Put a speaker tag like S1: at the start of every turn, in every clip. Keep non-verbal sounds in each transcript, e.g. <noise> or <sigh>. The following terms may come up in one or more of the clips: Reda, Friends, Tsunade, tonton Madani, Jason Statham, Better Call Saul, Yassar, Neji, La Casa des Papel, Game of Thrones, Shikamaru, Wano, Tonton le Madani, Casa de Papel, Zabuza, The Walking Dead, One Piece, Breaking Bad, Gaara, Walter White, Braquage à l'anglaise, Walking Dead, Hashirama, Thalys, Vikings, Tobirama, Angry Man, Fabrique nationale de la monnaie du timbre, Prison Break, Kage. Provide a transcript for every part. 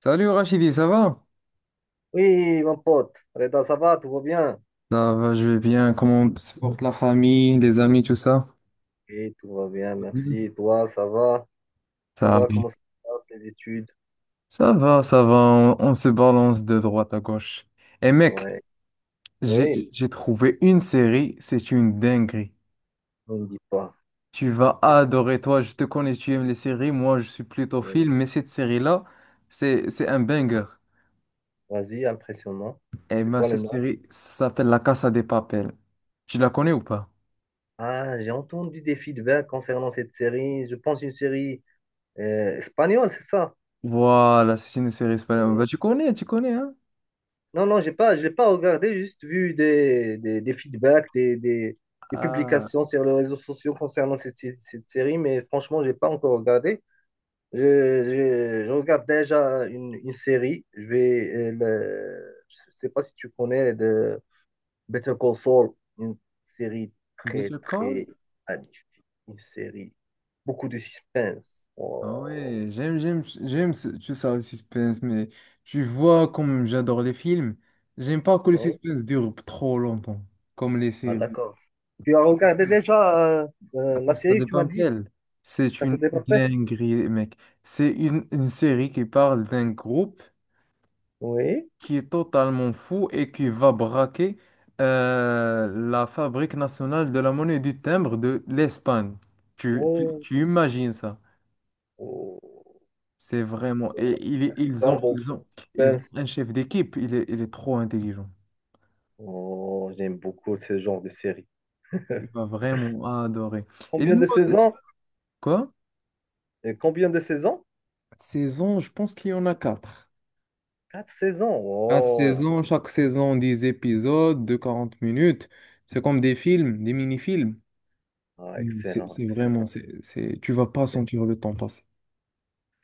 S1: Salut Rachidi, ça va?
S2: Oui, mon pote. Reda, ça va, tout va bien?
S1: Ça va, je vais bien. Comment se porte la famille, les amis, tout ça?
S2: Oui, tout va bien, merci.
S1: Mhm.
S2: Et toi, ça va? Ça
S1: Ça,
S2: va, comment ça se passe, les études?
S1: ça va, ça va. On se balance de droite à gauche. Et mec,
S2: Ouais. Oui,
S1: j'ai trouvé une série, c'est une dinguerie.
S2: on ne dit pas.
S1: Tu vas adorer, toi, je te connais, tu aimes les séries. Moi, je suis plutôt
S2: Et
S1: film, mais cette série-là, c'est un banger.
S2: Vas-y, impressionnant.
S1: Et
S2: C'est
S1: ben,
S2: quoi le
S1: cette
S2: nom?
S1: série s'appelle La Casa des Papel. Tu la connais ou pas?
S2: Ah, j'ai entendu des feedbacks concernant cette série. Je pense une série espagnole, c'est ça?
S1: Voilà, c'est une série espagnole.
S2: Oui.
S1: Bah, tu connais, hein?
S2: Non, non, j'ai pas, je l'ai pas regardé, juste vu des feedbacks, des
S1: Ah.
S2: publications sur les réseaux sociaux concernant cette série, mais franchement, j'ai pas encore regardé. Je regarde déjà une série. Je sais pas si tu connais de Better Call Saul, une série très
S1: Better Call?
S2: très magnifique, une série beaucoup de suspense.
S1: Ah
S2: Wow.
S1: ouais, j'aime, le suspense, mais tu vois, comme j'adore les films, j'aime pas que le
S2: Ouais.
S1: suspense dure trop longtemps, comme les
S2: Ah,
S1: séries.
S2: d'accord. Tu as regardé déjà la
S1: Ça
S2: série, que tu
S1: dépend
S2: m'as dit,
S1: d'elle. C'est
S2: Casa
S1: une
S2: de Papel?
S1: dinguerie, mec. C'est une série qui parle d'un groupe
S2: Oui.
S1: qui est totalement fou et qui va braquer la Fabrique nationale de la monnaie du timbre de l'Espagne.
S2: Oh,
S1: Tu imagines ça?
S2: oh.
S1: C'est
S2: Donc,
S1: vraiment.
S2: il y a beaucoup d'action, beaucoup de
S1: Ils ont
S2: suspense.
S1: un chef d'équipe. Il est trop intelligent.
S2: Oh, j'aime beaucoup ce genre de série.
S1: Il va vraiment adorer. Et
S2: Combien
S1: dis-moi,
S2: de
S1: c'est-
S2: saisons?
S1: quoi?
S2: Et combien de saisons?
S1: Saison, je pense qu'il y en a quatre.
S2: Quatre saisons.
S1: Quatre
S2: Oh,
S1: saisons, chaque saison, 10 épisodes de 40 minutes. C'est comme des films, des mini-films.
S2: ah,
S1: Mais C'est
S2: excellent,
S1: c'est vraiment,
S2: excellent,
S1: c'est, tu vas pas sentir le temps passer.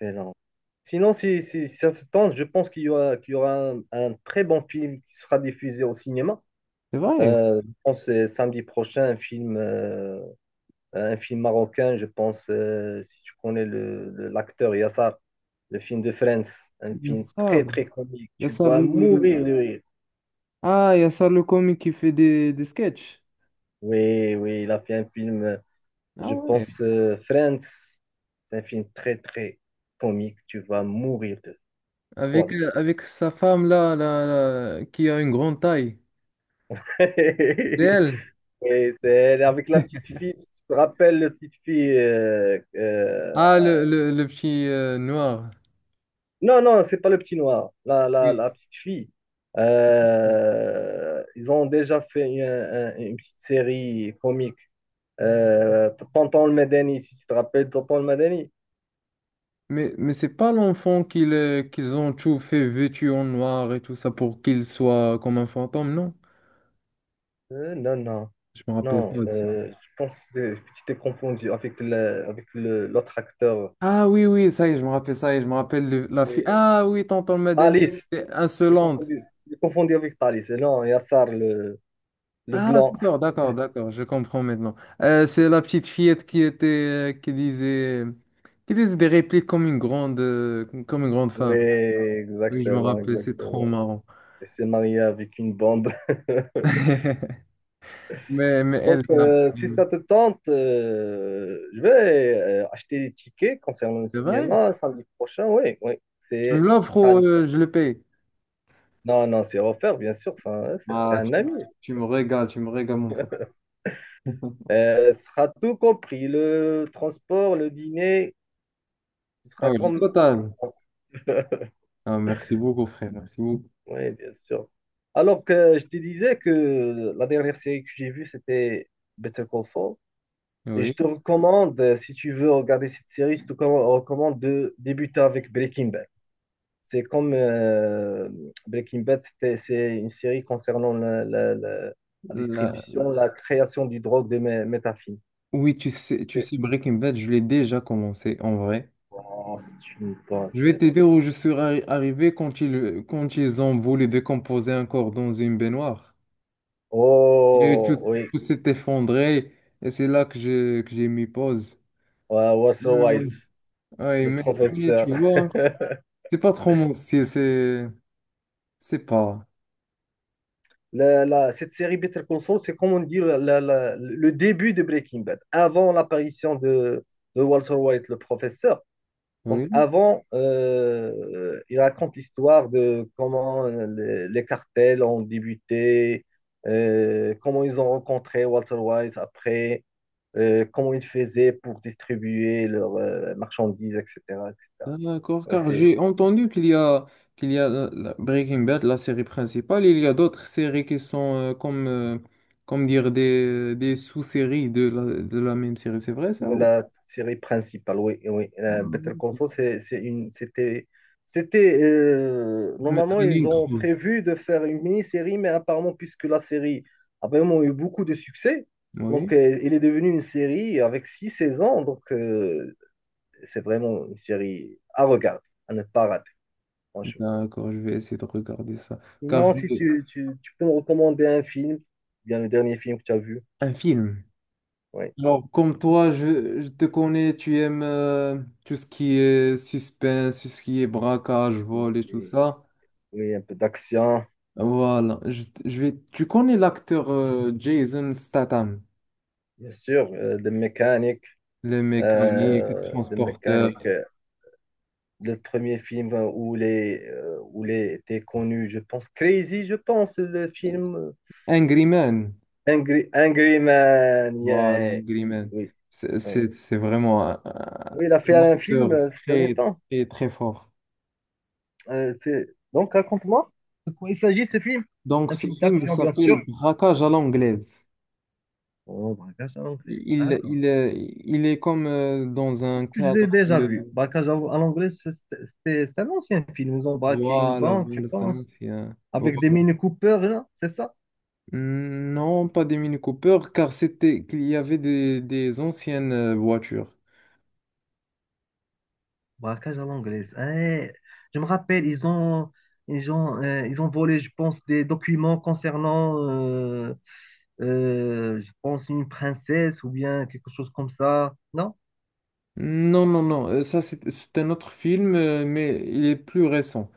S2: excellent. Sinon, si ça se tente, je pense qu'il y aura un très bon film qui sera diffusé au cinéma.
S1: C'est vrai.
S2: Je pense que c'est samedi prochain, un film marocain, je pense, si tu connais l'acteur Yassar, le film de Friends, un film très,
S1: Yassar,
S2: très comique. Tu
S1: Yassar
S2: vas
S1: le...
S2: mourir de rire.
S1: Ah, Yassar le comique qui fait des sketchs.
S2: Oui, oui, il a fait un film.
S1: Ah
S2: Je
S1: ouais.
S2: pense Friends, c'est un film très très comique. Tu vas mourir de,
S1: Avec,
S2: crois-moi.
S1: avec sa femme là, qui a une grande taille.
S2: <laughs>
S1: C'est elle.
S2: Et c'est avec la petite
S1: <laughs>
S2: fille. Si tu te rappelles la petite fille?
S1: Ah, le petit noir.
S2: Non, non, c'est pas le petit noir. La, la,
S1: Oui.
S2: la petite fille.
S1: Oui.
S2: Ils ont déjà fait une petite série comique. Tonton le Madani, si tu te rappelles Tonton le Madani.
S1: Mais c'est pas l'enfant qu'ils qu'ils ont tout fait vêtu en noir et tout ça pour qu'il soit comme un fantôme, non?
S2: Non, non.
S1: Je me rappelle
S2: Non,
S1: pas de ça.
S2: je pense que tu t'es confondu avec l'autre acteur.
S1: Oui, ça y est, je me rappelle ça y est, je me rappelle la fille.
S2: Et-
S1: Ah oui, tonton Madani,
S2: Thalys,
S1: elle était insolente.
S2: je t'ai confondu avec Thalys. Et non, Yassar, le
S1: Ah,
S2: blanc.
S1: d'accord, je comprends maintenant. C'est la petite fillette qui était, qui disait des répliques comme une grande
S2: Oui,
S1: femme. Oui, je me
S2: exactement,
S1: rappelle, c'est trop
S2: exactement.
S1: marrant.
S2: Il s'est marié avec une bombe. <laughs>
S1: <laughs> Mais
S2: Donc,
S1: elle n'a
S2: si
S1: plus.
S2: ça te tente, je vais acheter les tickets concernant le
S1: C'est vrai?
S2: cinéma samedi prochain. Oui, oui,
S1: Tu me
S2: c'est
S1: l'offres
S2: ça.
S1: ou je le paye?
S2: Non, non, c'est offert, bien sûr. Ça, hein, c'est t'es
S1: Ah,
S2: un ami.
S1: tu me régales, mon pote. <laughs>
S2: Sera tout compris, le transport, le dîner, ce
S1: Ah
S2: sera
S1: oui, le
S2: comme...
S1: total.
S2: <laughs>
S1: Ah, merci beaucoup, frère, merci beaucoup.
S2: Oui, bien sûr. Alors que je te disais que la dernière série que j'ai vue, c'était Better Call Saul. Et je
S1: Oui,
S2: te recommande, si tu veux regarder cette série, je te recommande de débuter avec Breaking Bad. C'est comme Breaking Bad, c'est une série concernant la
S1: la-
S2: distribution, la création du drogue de méthamphétamine.
S1: oui, tu
S2: Et-
S1: sais, Breaking Bad, je l'ai déjà commencé en vrai.
S2: Oh, c'est une bonne
S1: Je vais te
S2: série.
S1: dire où je suis arrivé quand ils ont voulu décomposer un corps dans une baignoire. Et tout,
S2: Oh, oui,
S1: tout s'est effondré et c'est là que que j'ai mis pause.
S2: ouais, Walter
S1: Non, non.
S2: White,
S1: Ouais,
S2: le
S1: mais
S2: professeur.
S1: tu vois,
S2: <laughs>
S1: c'est pas trop mon style, c'est pas.
S2: Cette série Better Call Saul, c'est comme on dit le début de Breaking Bad, avant l'apparition de, Walter White, le professeur. Donc
S1: Oui,
S2: avant, il raconte l'histoire de comment les cartels ont débuté, comment ils ont rencontré Walter White après, comment ils faisaient pour distribuer leurs marchandises, etc., etc.
S1: d'accord,
S2: Ouais,
S1: car
S2: c'est
S1: j'ai entendu qu'il y a la Breaking Bad, la série principale, il y a d'autres séries qui sont comme, comme dire des sous-séries de la même série, c'est vrai ça?
S2: de la série principale, oui, oui. Better
S1: Ou-
S2: Call Saul, c'est une, c'était, c'était,
S1: Mais
S2: normalement,
S1: la ligne
S2: ils ont
S1: 3.
S2: prévu de faire une mini-série, mais apparemment, puisque la série a vraiment eu beaucoup de succès,
S1: Oui,
S2: donc il est devenu une série avec six saisons, donc c'est vraiment une série à regarder, à ne pas rater, franchement.
S1: d'accord, je vais essayer de regarder ça. Car je...
S2: Non, si tu peux me recommander un film, bien le dernier film que tu as vu,
S1: un film.
S2: oui,
S1: Alors, comme toi, je te connais, tu aimes tout ce qui est suspense, tout ce qui est braquage, vol et tout
S2: Et-
S1: ça.
S2: oui, un peu d'action,
S1: Voilà, je vais... Tu connais l'acteur Jason Statham,
S2: bien sûr, de mécanique
S1: le mécanique, le
S2: de
S1: transporteur,
S2: mécanique. Le premier film où il était connu, je pense, Crazy, je pense, le film
S1: Angry Man.
S2: Angry Man.
S1: Voilà,
S2: Yeah.
S1: Angry
S2: Oui,
S1: Man.
S2: oui, oui.
S1: C'est vraiment
S2: Oui, il a fait
S1: un
S2: un film
S1: acteur
S2: ces derniers temps.
S1: très fort.
S2: Euh, c'est... Donc, raconte-moi de quoi il s'agit ce film.
S1: Donc,
S2: Un
S1: ce
S2: film
S1: film il
S2: d'action, bien
S1: s'appelle
S2: sûr.
S1: Braquage à l'anglaise.
S2: Oh, braquage à l'anglaise. Ah, d'accord.
S1: Il est comme dans un
S2: Je l'ai
S1: cadre
S2: déjà vu.
S1: de...
S2: Braquage à l'anglaise, c'est un ancien film. Ils ont braqué une
S1: Voilà,
S2: banque, je
S1: voilà, c'est un
S2: pense,
S1: mafia.
S2: avec des
S1: Voilà.
S2: mini coupeurs, là, c'est ça?
S1: Non, pas des Mini Cooper, car c'était qu'il y avait des anciennes voitures.
S2: Braquage à l'anglaise. Eh, je me rappelle, ils ont volé, je pense, des documents concernant, je pense, une princesse ou bien quelque chose comme ça. Non?
S1: Non, non, non, ça c'est un autre film, mais il est plus récent.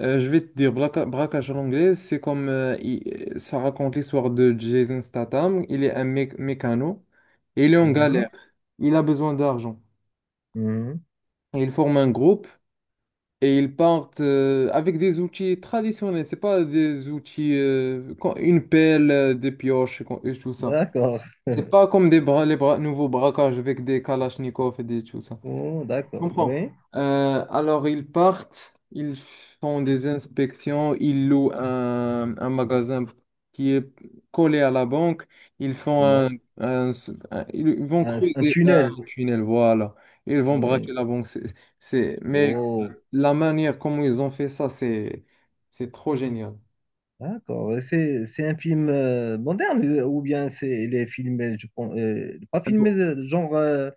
S1: Je vais te dire, braquage en anglais, c'est comme ça raconte l'histoire de Jason Statham. Il est un mécano et il est en
S2: Mhm,
S1: galère. Il a besoin d'argent.
S2: mhm.
S1: Et il forme un groupe et ils partent avec des outils traditionnels. C'est pas des outils, une pelle, des pioches et, et tout ça.
S2: D'accord.
S1: C'est pas comme des bras, les bras nouveaux braquages avec des kalachnikovs et des tout ça.
S2: Oh,
S1: Je
S2: d'accord. Eh,
S1: comprends.
S2: oui,
S1: Alors, ils partent, ils font des inspections, ils louent un magasin qui est collé à la banque, ils font
S2: oh,
S1: un,
S2: d'accord.
S1: un- ils vont
S2: Un
S1: creuser un
S2: tunnel.
S1: tunnel, voilà. Ils vont
S2: Oui.
S1: braquer la banque. Mais
S2: Oh,
S1: la manière comment ils ont fait ça, c'est trop génial.
S2: d'accord. Et C'est un film moderne ou bien il est filmé, je pense, pas
S1: Un peu,
S2: filmé genre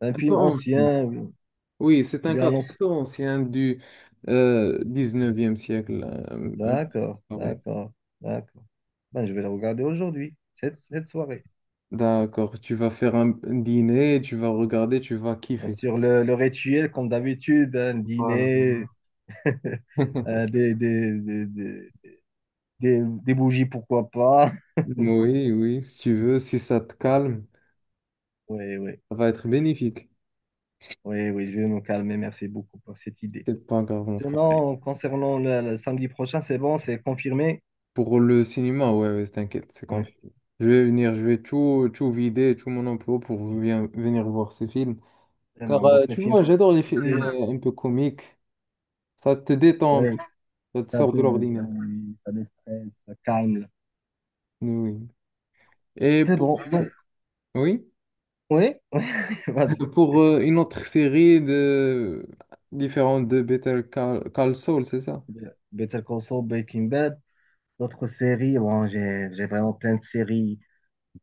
S2: un
S1: un peu
S2: film
S1: ancien.
S2: ancien ou
S1: Oui, c'est un
S2: bien
S1: cadre un peu ancien du 19e siècle.
S2: d'accord,
S1: Un-
S2: d'accord, d'accord. Ben, je vais le regarder aujourd'hui, cette soirée.
S1: D'accord, tu vas faire un dîner, tu vas regarder, tu vas
S2: Bien
S1: kiffer.
S2: sûr, le rituel, comme d'habitude, un
S1: Voilà.
S2: dîner, <laughs>
S1: <laughs>
S2: euh, des, des, des, des, des bougies, pourquoi pas. <laughs>
S1: Oui, oui, si tu veux, si ça te calme,
S2: Oui, oui,
S1: ça va être bénéfique.
S2: oui, oui, je vais me calmer. Merci beaucoup pour cette idée.
S1: C'est pas grave, mon frère.
S2: Sinon, concernant le samedi prochain, c'est bon, c'est confirmé.
S1: Pour le cinéma, ouais, ouais, t'inquiète, c'est
S2: Oui,
S1: confiant. Je vais venir, je vais tout, tout vider, tout mon emploi pour venir voir ces films.
S2: c'est
S1: Car
S2: bon. Donc, les
S1: tu
S2: films,
S1: vois, j'adore les
S2: tu sais,
S1: films un peu comiques. Ça te détend, un peu,
S2: oui,
S1: ça te
S2: ça
S1: sort
S2: te,
S1: de
S2: ça,
S1: l'ordinaire.
S2: ça déstresse, ça calme.
S1: Oui. Et
S2: C'est
S1: pour...
S2: bon. Donc,
S1: Oui?
S2: oui, <laughs> vas-y.
S1: Pour une autre série de... différente de Call Saul, c'est ça?
S2: Better Call Saul, Breaking Bad. D'autres séries, bon, j'ai vraiment plein de séries.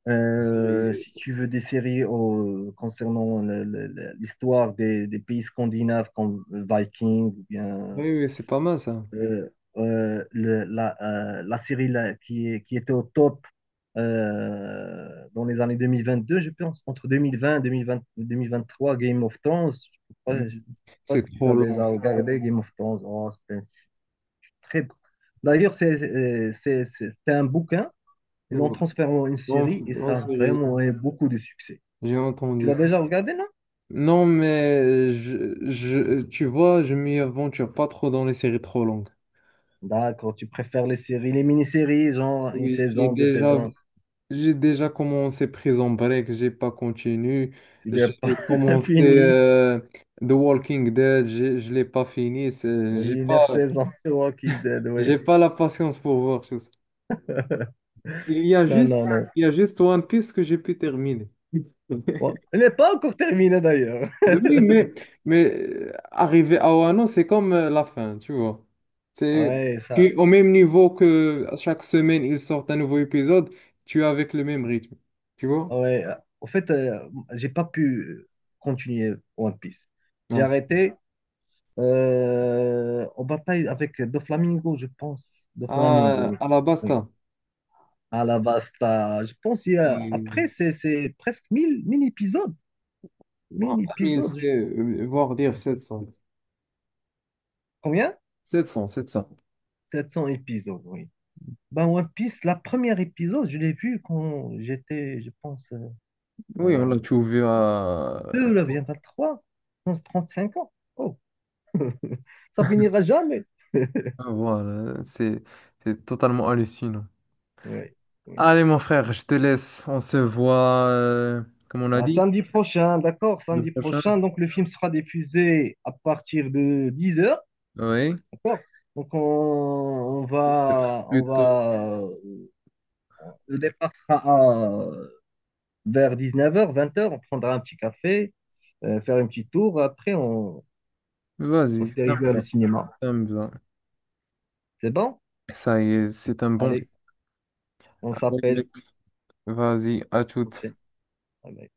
S2: Si
S1: Et-
S2: tu veux des séries concernant l'histoire des pays scandinaves comme Vikings ou bien
S1: Oui, oui, c'est pas mal ça.
S2: euh, euh, le- la, la série là, qui était au top dans les années 2022 je pense, entre 2020 2020 2023, Game of Thrones. Je
S1: Mm.
S2: sais pas
S1: C'est
S2: si tu
S1: trop
S2: l'as
S1: long,
S2: déjà
S1: c'est trop
S2: regardé, Game of Thrones. Oh, c'était très bon. D'ailleurs, c'était un bouquin, ils l'ont
S1: long.
S2: transféré en une
S1: Non,
S2: série et
S1: en
S2: ça a
S1: série,
S2: vraiment eu beaucoup de succès.
S1: j'ai
S2: Tu
S1: entendu
S2: l'as
S1: ça.
S2: déjà regardé, non?
S1: Non, mais tu vois, je m'y aventure pas trop dans les séries trop longues.
S2: D'accord, tu préfères les séries, les mini-séries, genre une
S1: Oui,
S2: saison, deux saisons.
S1: j'ai déjà commencé Prison Break, j'ai pas continué.
S2: Il n'est
S1: J'ai
S2: pas <laughs>
S1: commencé
S2: fini.
S1: The Walking Dead, je l'ai pas fini.
S2: Oui, neuf saisons sur Walking Dead, oui.
S1: J'ai pas la patience pour voir tout ça.
S2: <laughs>
S1: Il y a
S2: Non,
S1: juste,
S2: non, non.
S1: il y a juste One Piece que j'ai pu terminer. <laughs>
S2: Bon, il n'est pas encore terminé d'ailleurs.
S1: Oui,
S2: <laughs>
S1: mais arriver à Wano, c'est comme la fin, tu vois. C'est
S2: Ouais, ça.
S1: tu- au même niveau que chaque semaine, ils sortent un nouveau épisode, tu es avec le même rythme, tu vois.
S2: Ouais. En fait, j'ai pas pu continuer One Piece. J'ai
S1: Non,
S2: arrêté en bataille avec deux flamingos, je pense. Deux flamingos, oui.
S1: à la
S2: Oui.
S1: basta.
S2: À la vasta. Je pense qu'il y a...
S1: Oui.
S2: Après, c'est presque mille épisodes.
S1: Non,
S2: Mille
S1: 1000,
S2: épisodes.
S1: c'est voire dire 700.
S2: Combien?
S1: 700, 700.
S2: 700 épisodes, oui. Ben, One Piece, la première épisode, je l'ai vu quand j'étais, je pense,
S1: Oui, on
S2: euh,
S1: l'a trouvé à... <laughs>
S2: trois je pense 5 ans. Oh, <laughs> ça finira jamais. <laughs>
S1: Voilà, c'est totalement hallucinant.
S2: Oui, oui.
S1: Allez, mon frère, je te laisse. On se voit, comme on a
S2: Un
S1: dit,
S2: samedi prochain, d'accord,
S1: le
S2: samedi
S1: prochain.
S2: prochain. Donc, le film sera diffusé à partir de 10 heures,
S1: Oui,
S2: d'accord? Donc,
S1: peut-être plus tôt.
S2: le départ sera vers 19 heures, 20 heures. On prendra un petit café, faire un petit tour. Après, on
S1: Vas-y,
S2: se dirige vers le cinéma.
S1: ça me va.
S2: C'est bon?
S1: Ça y est, c'est un bon plan.
S2: Allez, on s'appelle
S1: Vas-y, à toutes.
S2: prochaine. Allez.